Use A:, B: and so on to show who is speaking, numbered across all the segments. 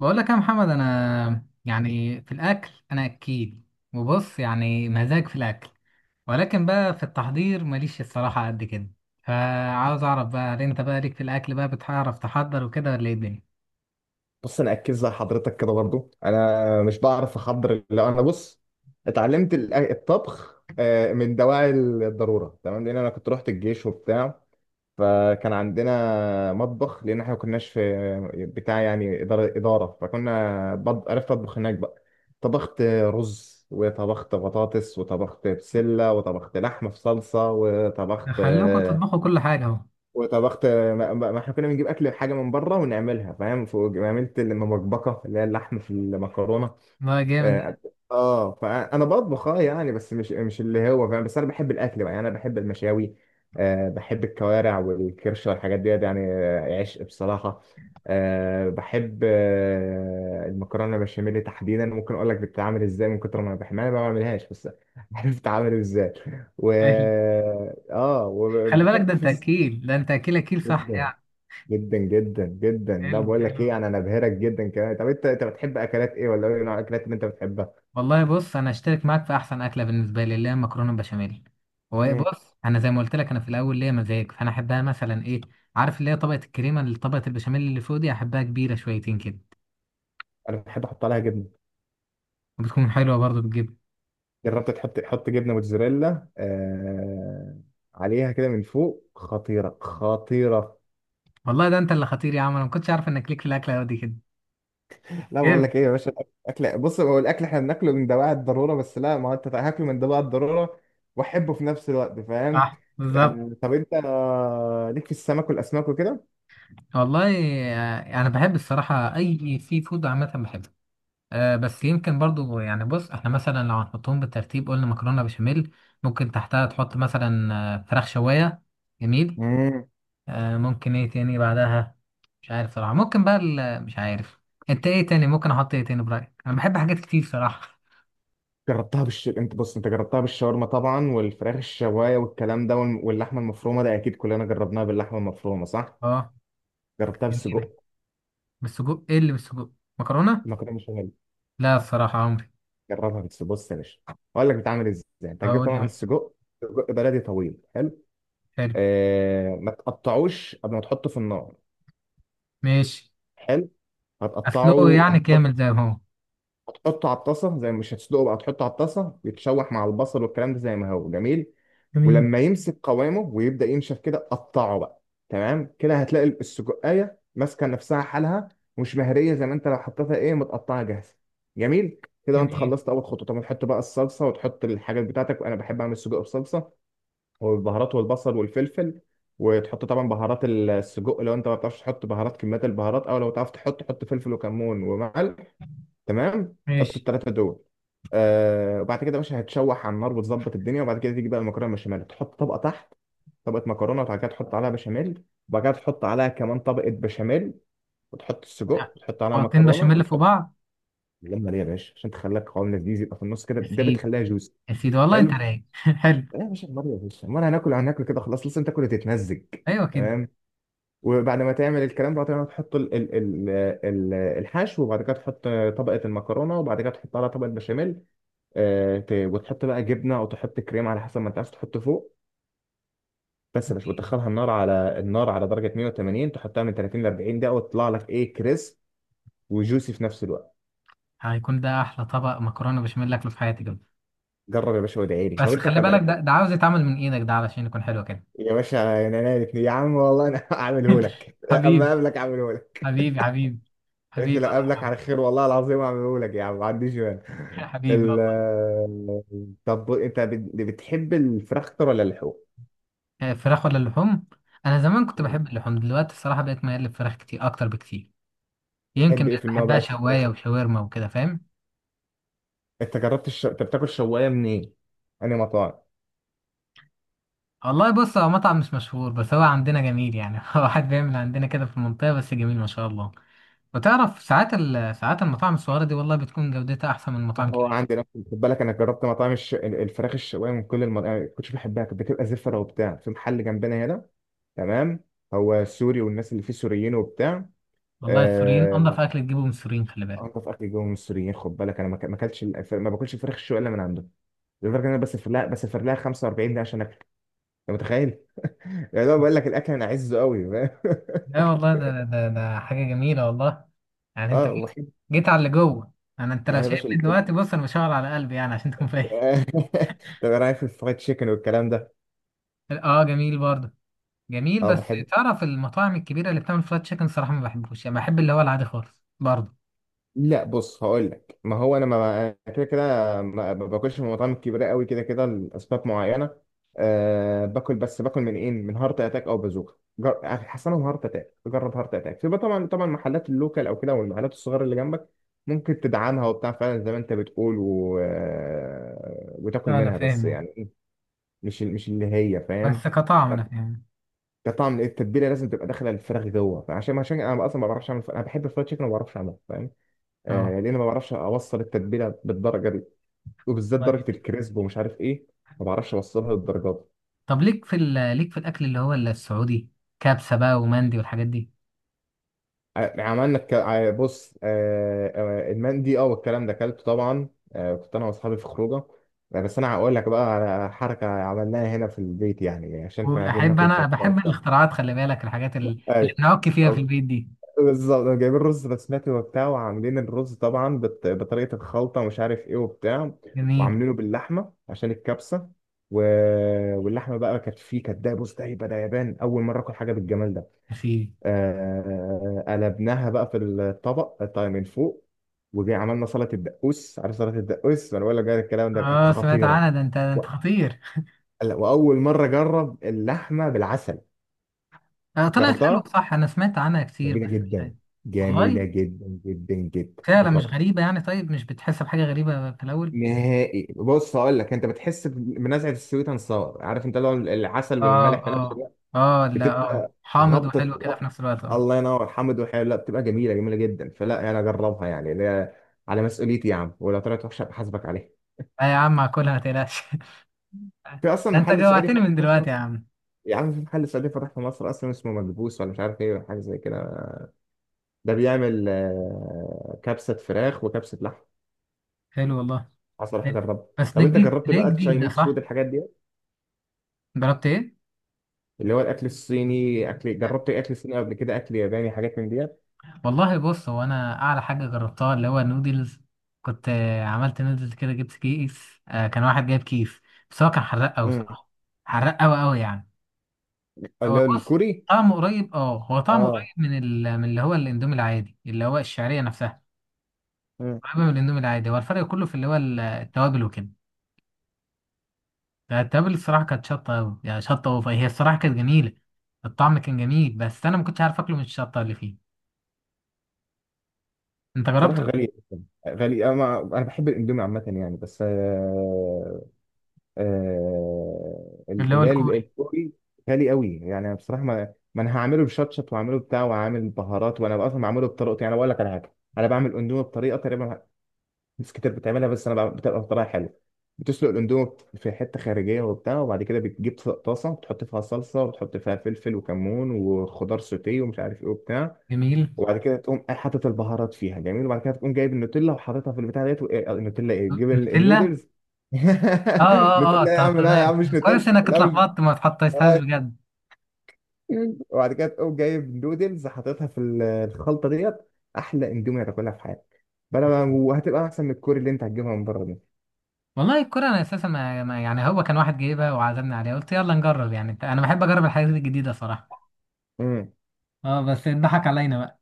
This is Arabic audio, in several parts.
A: بقول لك يا محمد، انا يعني في الاكل انا اكيل. وبص، يعني مزاج في الاكل. ولكن بقى في التحضير ماليش الصراحه قد كده. فعاوز اعرف بقى، هل انت بقى ليك في الاكل بقى بتعرف تحضر وكده، ولا ايه الدنيا؟
B: بص، انا اكد زي حضرتك كده برضو، انا مش بعرف احضر. لو انا بص، اتعلمت الطبخ من دواعي الضروره. تمام، لان انا كنت رحت الجيش وبتاع، فكان عندنا مطبخ. لان احنا ما كناش في بتاع يعني اداره. عرفت اطبخ هناك بقى. طبخت رز وطبخت بطاطس وطبخت بسله وطبخت لحمه في صلصه وطبخت
A: خلوكوا تطبخوا كل حاجه اهو.
B: وطبخت ما, ما ما احنا كنا بنجيب اكل حاجه من بره ونعملها، فاهم. عملت المبكبكه اللي هي اللحم في المكرونه.
A: ده جامد ده.
B: اه فانا بطبخ، يعني، بس مش اللي هو، فاهم. بس انا بحب الاكل بقى، يعني انا بحب المشاوي. بحب الكوارع والكرشه والحاجات دي يعني، عشق بصراحه. بحب المكرونه البشاميل تحديدا، ممكن اقول لك بتتعمل ازاي. من كتر ما انا بحبها انا ما بعملهاش بس عارف بتتعمل ازاي. و
A: حلو.
B: اه
A: خلي بالك، ده
B: وبحب في
A: انت
B: الس-
A: اكيل، ده انت اكيل اكيل، صح
B: جدا.
A: يعني؟
B: جدا جدا جدا لا،
A: حلو
B: بقول لك
A: حلو.
B: ايه يعني، انا بهرك جدا كمان. طب انت بتحب اكلات ايه، ولا ايه نوع الاكلات اللي انت بتحبها؟
A: والله بص، انا اشترك معاك في احسن اكله بالنسبه لي، اللي هي مكرونه بشاميل. هو إيه،
B: مم.
A: بص انا زي ما قلت لك، انا في الاول ليا مزاج، فانا احبها مثلا ايه، عارف اللي هي طبقه الكريمه، اللي طبقه البشاميل اللي فوق دي، احبها كبيره شويتين كده.
B: انا بحب احط عليها جبنه.
A: وبتكون حلوه برضه بالجبن.
B: جربت تحط جبنه موتزاريلا عليها كده من فوق، خطيره خطيره.
A: والله ده انت اللي خطير يا عم، انا ما كنتش عارف انك ليك في الاكله دي كده.
B: لا، بقول
A: جامد.
B: لك ايه يا باشا. الاكل بص، هو الاكل احنا بناكله من دواعي الضروره بس. لا، ما هو انت هاكله من دواعي الضروره واحبه في نفس الوقت، فاهم.
A: صح بالظبط.
B: يعني طب انت، ليك في السمك والاسماك وكده.
A: والله، انا بحب الصراحه اي سي فود عامه بحبه. بس يمكن برضو يعني، بص، احنا مثلا لو هنحطهم بالترتيب، قلنا مكرونه بشاميل، ممكن تحتها تحط مثلا فراخ شوايه. جميل.
B: مم.
A: ممكن ايه تاني بعدها؟ مش عارف صراحه، ممكن بقى مش عارف. انت ايه تاني ممكن احط، ايه تاني برايك؟ انا بحب حاجات كتير صراحه.
B: جربتها بالش انت بص، انت جربتها بالشاورما طبعا، والفراخ الشوايه والكلام ده، واللحمه المفرومه. ده اكيد كلنا جربناها باللحمه المفرومه، صح؟
A: اه
B: جربتها
A: جميله.
B: بالسجق؟
A: بالسجق، ايه اللي بالسجق؟ مكرونه.
B: المكرونه بشاميل.
A: لا الصراحه عمري.
B: جربها بالسجق بص يا باشا. اقول لك بتعمل ازاي. انت هتجيب
A: هقول لي
B: طبعا
A: بقى.
B: السجق، سجق بلدي طويل حلو.
A: حلو.
B: ما تقطعوش قبل ما تحطه في النار.
A: ماشي.
B: حلو.
A: اسلقه يعني
B: هتحط.
A: كامل زي ما هو؟
B: هتحطه على الطاسه زي، مش هتسلقه بقى، هتحطه على الطاسه يتشوح مع البصل والكلام ده زي ما هو، جميل.
A: جميل.
B: ولما يمسك قوامه ويبدا ينشف كده، قطعه بقى. تمام كده هتلاقي السجقايه ماسكه نفسها حالها، مش مهريه زي ما انت لو حطيتها ايه، متقطعه جاهزه. جميل كده، وانت
A: جميل.
B: خلصت اول خطوه. طب تحط بقى الصلصه وتحط الحاجات بتاعتك، وانا بحب اعمل سجق بصلصه والبهارات والبصل والفلفل. وتحط طبعا بهارات السجق. لو انت ما بتعرفش تحط بهارات، كميات البهارات، او لو تعرف تحط، حط فلفل وكمون وملح، تمام. حط
A: ماشي.
B: الثلاثه دول. وبعد كده يا باشا، هتشوح على النار وتظبط الدنيا. وبعد كده تيجي بقى المكرونه البشاميل، تحط طبقه تحت. طبقه مكرونه، وبعد كده تحط عليها بشاميل، وبعد كده تحط عليها كمان طبقه بشاميل، وتحط السجق،
A: آه،
B: وتحط عليها
A: حطين
B: مكرونه،
A: بشاميل في
B: وتحط.
A: بعض.
B: اللمه دي يا باشا عشان تخليها قوام لذيذ يبقى في النص كده، ده بتخليها جوسي.
A: يا سيدي والله انت
B: حلو.
A: رايق. حلو.
B: لا يا باشا، النار يا باشا، امال هناكل هناكل كده خلاص، لسه تاكل وتتمزج.
A: ايوه كده.
B: تمام. وبعد ما تعمل الكلام ده طبعاً، تحط الحشو. وبعد كده تحط طبقه المكرونه، وبعد كده تحط عليها طبقه بشاميل. وتحط بقى جبنه او تحط كريم على حسب ما انت عايز تحط فوق، بس. مش وتدخلها النار، على درجه 180. تحطها من 30 ل 40 دقيقه، وتطلع لك كريسب وجوسي في نفس الوقت.
A: هيكون ده احلى طبق مكرونه بشاميل اكله في حياتي كده.
B: جرب يا باشا وادعي لي.
A: بس
B: طب انت
A: خلي
B: كده
A: بالك،
B: انت؟
A: ده عاوز يتعمل من ايدك ده علشان يكون حلو كده.
B: يا باشا، انا نالت يا عم، والله انا هعمله لك. اما
A: حبيبي.
B: اقابلك هعمله لك.
A: حبيبي حبيبي.
B: يا اخي،
A: حبيبي
B: لا قابلك على
A: والله.
B: خير، والله العظيم هعمله لك يا عم، ما عنديش مانع.
A: حبيبي والله.
B: ال- طب انت، بتحب الفراخ اكتر ولا اللحوم؟
A: فراخ ولا اللحوم؟ انا زمان كنت بحب اللحوم، دلوقتي الصراحه بقيت ميال للفراخ كتير، اكتر بكتير. يمكن
B: بتحب ايه في
A: بقيت
B: النوع
A: بحبها
B: بقى في الفراخ؟
A: شوايه وشاورما وكده، فاهم.
B: انت بتاكل شوايه منين؟ انهي مطاعم؟
A: والله بص، هو مطعم مش مشهور بس هو عندنا جميل يعني، هو واحد بيعمل عندنا كده في المنطقه بس جميل ما شاء الله. وتعرف ساعات المطاعم الصغيرة دي والله بتكون جودتها أحسن من المطاعم
B: هو
A: الكبيرة.
B: عندي نفس، خد بالك، انا جربت مطاعم الفراخ الشوايه من كل المطاعم، ما كنتش بحبها، كانت بتبقى زفره وبتاع. في محل جنبنا هنا، تمام، هو سوري والناس اللي فيه سوريين وبتاع.
A: والله السوريين
B: آه،
A: أنضف أكل تجيبه من السوريين، خلي بالك.
B: انضف اكل جوه من السوريين، خد بالك. انا ما ك- ما اكلتش الف- ما باكلش الفراخ الشوايه الا من عنده. لدرجه ان انا بسافر لها 45 دقيقه عشان اكل. انت متخيل؟ يعني هو بقول لك الاكل، انا عزه قوي.
A: لا والله ده حاجة جميلة والله. يعني أنت
B: اه
A: جيت
B: وحب
A: جيت على اللي جوه. أنا، أنت لو
B: يعني، يا باشا
A: شايفني دلوقتي، بص، أنا بشاور على قلبي يعني عشان تكون فاهم.
B: طب ايه رايك في الفرايد تشيكن والكلام ده؟
A: أه جميل برضه. جميل،
B: اه،
A: بس
B: بحب.
A: تعرف المطاعم الكبيرة اللي بتعمل فرايد تشيكن صراحة ما بحبوش يعني، بحب اللي هو العادي خالص برضه.
B: لا بص، هقول لك ما هو انا، ما أنا كده كده. ما باكلش من المطاعم الكبيره قوي كده كده، لاسباب معينه. أه، باكل. بس باكل من ايه، من هارت اتاك او بازوكا. حسنهم هارت اتاك. جرب هارت اتاك في بقى، طبعا طبعا محلات اللوكال او كده، والمحلات الصغيره اللي جنبك. ممكن تدعمها وبتاع فعلا زي ما انت بتقول، و... آه، وتاكل
A: أنا
B: منها بس،
A: فاهم.
B: يعني مش اللي هي، فاهم.
A: بس كطعم أنا فاهم.
B: كطعم، التتبيله لازم تبقى داخله الفراخ جوه. عشان انا اصلا ما بعرفش اعمل. انا بحب الفرايد تشيكن وما بعرفش اعمله، فاهم.
A: أه.
B: لان ما بعرفش اوصل التتبيله بالدرجه دي، وبالذات
A: طيب.
B: درجه الكريسب ومش عارف ايه. ما بعرفش اوصلها للدرجات دي.
A: طب ليك في الأكل اللي هو السعودي، كبسة بقى ومندي والحاجات دي.
B: يعني بص، المندي والكلام ده اكلته طبعا. كنت انا واصحابي في خروجه. بس انا هقول لك بقى على حركه عملناها هنا في البيت، يعني عشان كنا عايزين
A: واحب،
B: ناكل
A: انا
B: كبسه
A: بحب
B: وبتاع.
A: الاختراعات، خلي بالك الحاجات اللي
B: أيوة،
A: بنعك فيها في البيت دي.
B: بالظبط، جايبين رز بسمتي وبتاع، وعاملين الرز طبعا بطريقة الخلطة ومش عارف ايه وبتاع.
A: جميل.
B: وعاملينه باللحمة عشان الكبسة. و... واللحمة بقى كانت فيه، كانت ده، بص ده يبقى ده يابان، أول مرة آكل حاجة بالجمال ده.
A: يا سيدي.
B: قلبناها بقى في الطبق طيب من فوق. وجي عملنا سلطة الدقوس، عارف سلطة الدقوس، وأنا بقول لك بقى الكلام ده كانت
A: اه سمعت
B: خطيرة.
A: عنها، ده انت ده
B: و...
A: انت خطير.
B: وأول مرة أجرب اللحمة بالعسل.
A: آه طلعت حلوه
B: جربتها،
A: صح، انا سمعت عنها كتير
B: جميلة
A: بس مش
B: جدا،
A: عارف. والله،
B: جميلة جدا جدا جدا.
A: فعلا مش
B: جربت.
A: غريبه يعني؟ طيب مش بتحس بحاجه غريبه في الاول؟
B: نهائي. بص هقول لك، انت بتحس بنزعه السويت اند ساور، عارف انت لو العسل
A: اه
B: والملح في نفس
A: اه.
B: الوقت،
A: اه لا اه
B: بتبقى
A: حامض
B: خبطه.
A: وحلو كده في
B: خبط
A: نفس الوقت اه.
B: الله ينور. حمد وحلو، لا، بتبقى جميله، جميله جدا. فلا انا يعني اجربها، يعني، لا. على مسؤوليتي يا عم، ولو طلعت وحشه بحاسبك عليها.
A: لا يا عم هاكلها ما تقلقش.
B: في اصلا
A: ده انت
B: محل سعودي
A: جوعتني
B: فتح
A: من
B: في
A: دلوقتي يا
B: مصر.
A: عم.
B: يا عم، في محل سعودي فتح في مصر اصلا، اسمه مدبوس ولا مش عارف ايه ولا حاجه زي كده. ده بيعمل كبسه فراخ وكبسه لحم.
A: حلو والله.
B: حصل حاجه
A: حلو.
B: جربها.
A: بس ده
B: طب انت
A: جديد
B: جربت
A: ليه؟
B: بقى
A: جديد ده
B: تشاينيز فود،
A: صح.
B: الحاجات دي،
A: جربت ايه؟
B: اللي هو الاكل الصيني؟ اكل، جربت اكل صيني قبل كده؟ اكل ياباني، حاجات من ديت؟
A: والله بص، هو انا اعلى حاجه جربتها اللي هو نودلز. كنت عملت نودلز كده، جبت كيس، كان واحد جايب كيس. بس هو كان حراق قوي
B: امم
A: صراحه. حراق قوي قوي يعني. هو
B: اللي هو
A: بص،
B: الكوري.
A: طعمه قريب، اه هو طعمه
B: اه
A: قريب من اللي هو الاندومي العادي، اللي هو الشعريه نفسها.
B: امم
A: قريبه من الاندومي العادي، هو الفرق كله في اللي هو التوابل وكده. التوابل الصراحه كانت شطه قوي يعني، شطه اوفر، هي الصراحه كانت جميله. الطعم كان جميل بس انا ما كنتش عارف اكله من الشطه اللي فيه. انت جربت
B: بصراحه غالي، جدا غالي. انا انا بحب الاندومي عامه يعني، بس
A: اللي هو
B: اللي هي
A: الكوري؟
B: الكوري، غالي قوي يعني. أنا بصراحه ما انا هعمله بشطشط، وهعمله بتاع، وهعمل بهارات، وانا اصلا بعمله بطريقتي يعني. أنا بقول لك على حاجه، انا بعمل اندومي بطريقه تقريبا ناس كتير بتعملها، بس انا بتبقى بطريقه حلوه. بتسلق الاندومي في حته خارجيه وبتاع، وبعد كده بتجيب طاسه بتحط فيها صلصه، وبتحط فيها فلفل وكمون وخضار سوتيه ومش عارف ايه وبتاع.
A: جميل.
B: وبعد كده تقوم حاطط البهارات فيها، جميل. وبعد كده تقوم جايب النوتيلا وحاططها في البتاع ديت. و- إيه، النوتيلا، تجيب
A: نوتيلا.
B: النودلز.
A: اه اه اه
B: نوتيلا يا
A: طب
B: عم، لا يا
A: تمام.
B: عم، مش نوتيلا.
A: كويس انك
B: لا مش.
A: اتلخبطت ما اتحطيتهاش بجد.
B: وبعد كده تقوم جايب نودلز حاططها في الخلطه ديت. احلى اندومي هتاكلها في حياتك، بلا، وهتبقى احسن من الكوري اللي انت هتجيبها من بره دي.
A: والله الكرة، انا اساسا يعني هو كان واحد جايبها وعزمني عليها، قلت يلا نجرب يعني، انا بحب اجرب الحاجات الجديدة صراحة. اه بس اتضحك علينا بقى.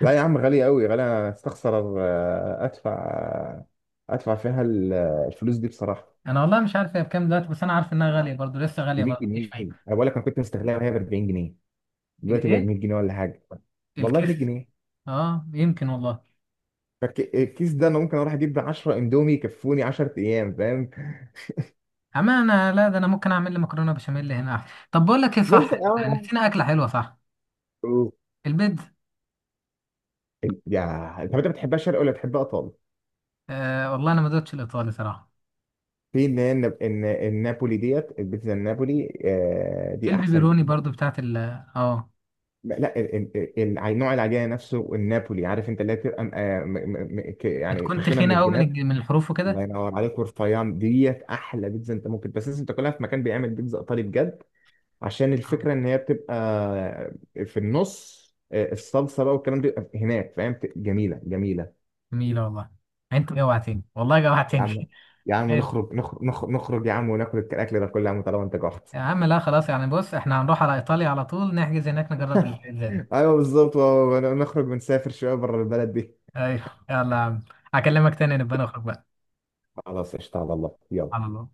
B: لا يا عم، غالية أوي، غالية. أنا أستخسر أدفع فيها الفلوس دي بصراحة.
A: انا والله مش عارف هي بكام دلوقتي، بس انا عارف انها غالية برضو، لسه
B: ب
A: غالية
B: 100
A: برضو، مفيش
B: جنيه
A: فايدة.
B: أنا بقول لك، أنا كنت مستغلها وهي ب 40 جنيه. دلوقتي بقى ب
A: الايه؟
B: 100 جنيه ولا حاجة. والله ب 100
A: الكيس.
B: جنيه
A: اه يمكن والله.
B: الكيس ده أنا ممكن أروح أجيب 10 إندومي يكفوني 10 أيام، فاهم.
A: اما انا لا، ده انا ممكن اعمل لي مكرونة بشاميل هنا أحسن. طب بقول لك ايه،
B: بس
A: صح
B: أه
A: نسينا اكلة حلوة، صح؟ البيتزا.
B: طب أنت بتحبها شرق ولا بتحبها إيطالي؟
A: آه والله انا ما دوتش الايطالي صراحة.
B: في اللي هي النابولي ديت، البيتزا النابولي
A: في
B: دي أحسن.
A: البيبروني برضو بتاعت ال اه
B: لا، نوع العجينه نفسه النابولي، عارف انت، اللي هي بتبقى
A: انت
B: يعني
A: كنت
B: تخينه من
A: خينة قوي من
B: الجناب.
A: الج- من الحروف
B: الله
A: وكده.
B: ينور عليك، ورفيان ديت احلى بيتزا انت ممكن، بس لازم تاكلها في مكان بيعمل بيتزا ايطالي بجد، عشان
A: آه،
B: الفكره ان هي بتبقى في النص، الصلصه بقى والكلام ده بيبقى هناك، فاهم. جميله، جميله.
A: جميلة والله. انت جوعتني والله،
B: يا
A: جوعتني.
B: عم، يا عم
A: حلو.
B: نخرج نخرج نخرج, نخرج يا عم وناكل الاكل ده كله، يا عم طالما انت جعت.
A: يا عم لا خلاص يعني، بص احنا هنروح على ايطاليا على طول، نحجز هناك نجرب البيتزا دي.
B: ايوه، بالظبط. نخرج ونسافر شويه بره البلد دي.
A: ايوه. يلا يا عم. هكلمك تاني، نبقى نخرج بقى.
B: خلاص، قشطه، على الله،
A: على
B: يلا.
A: الله.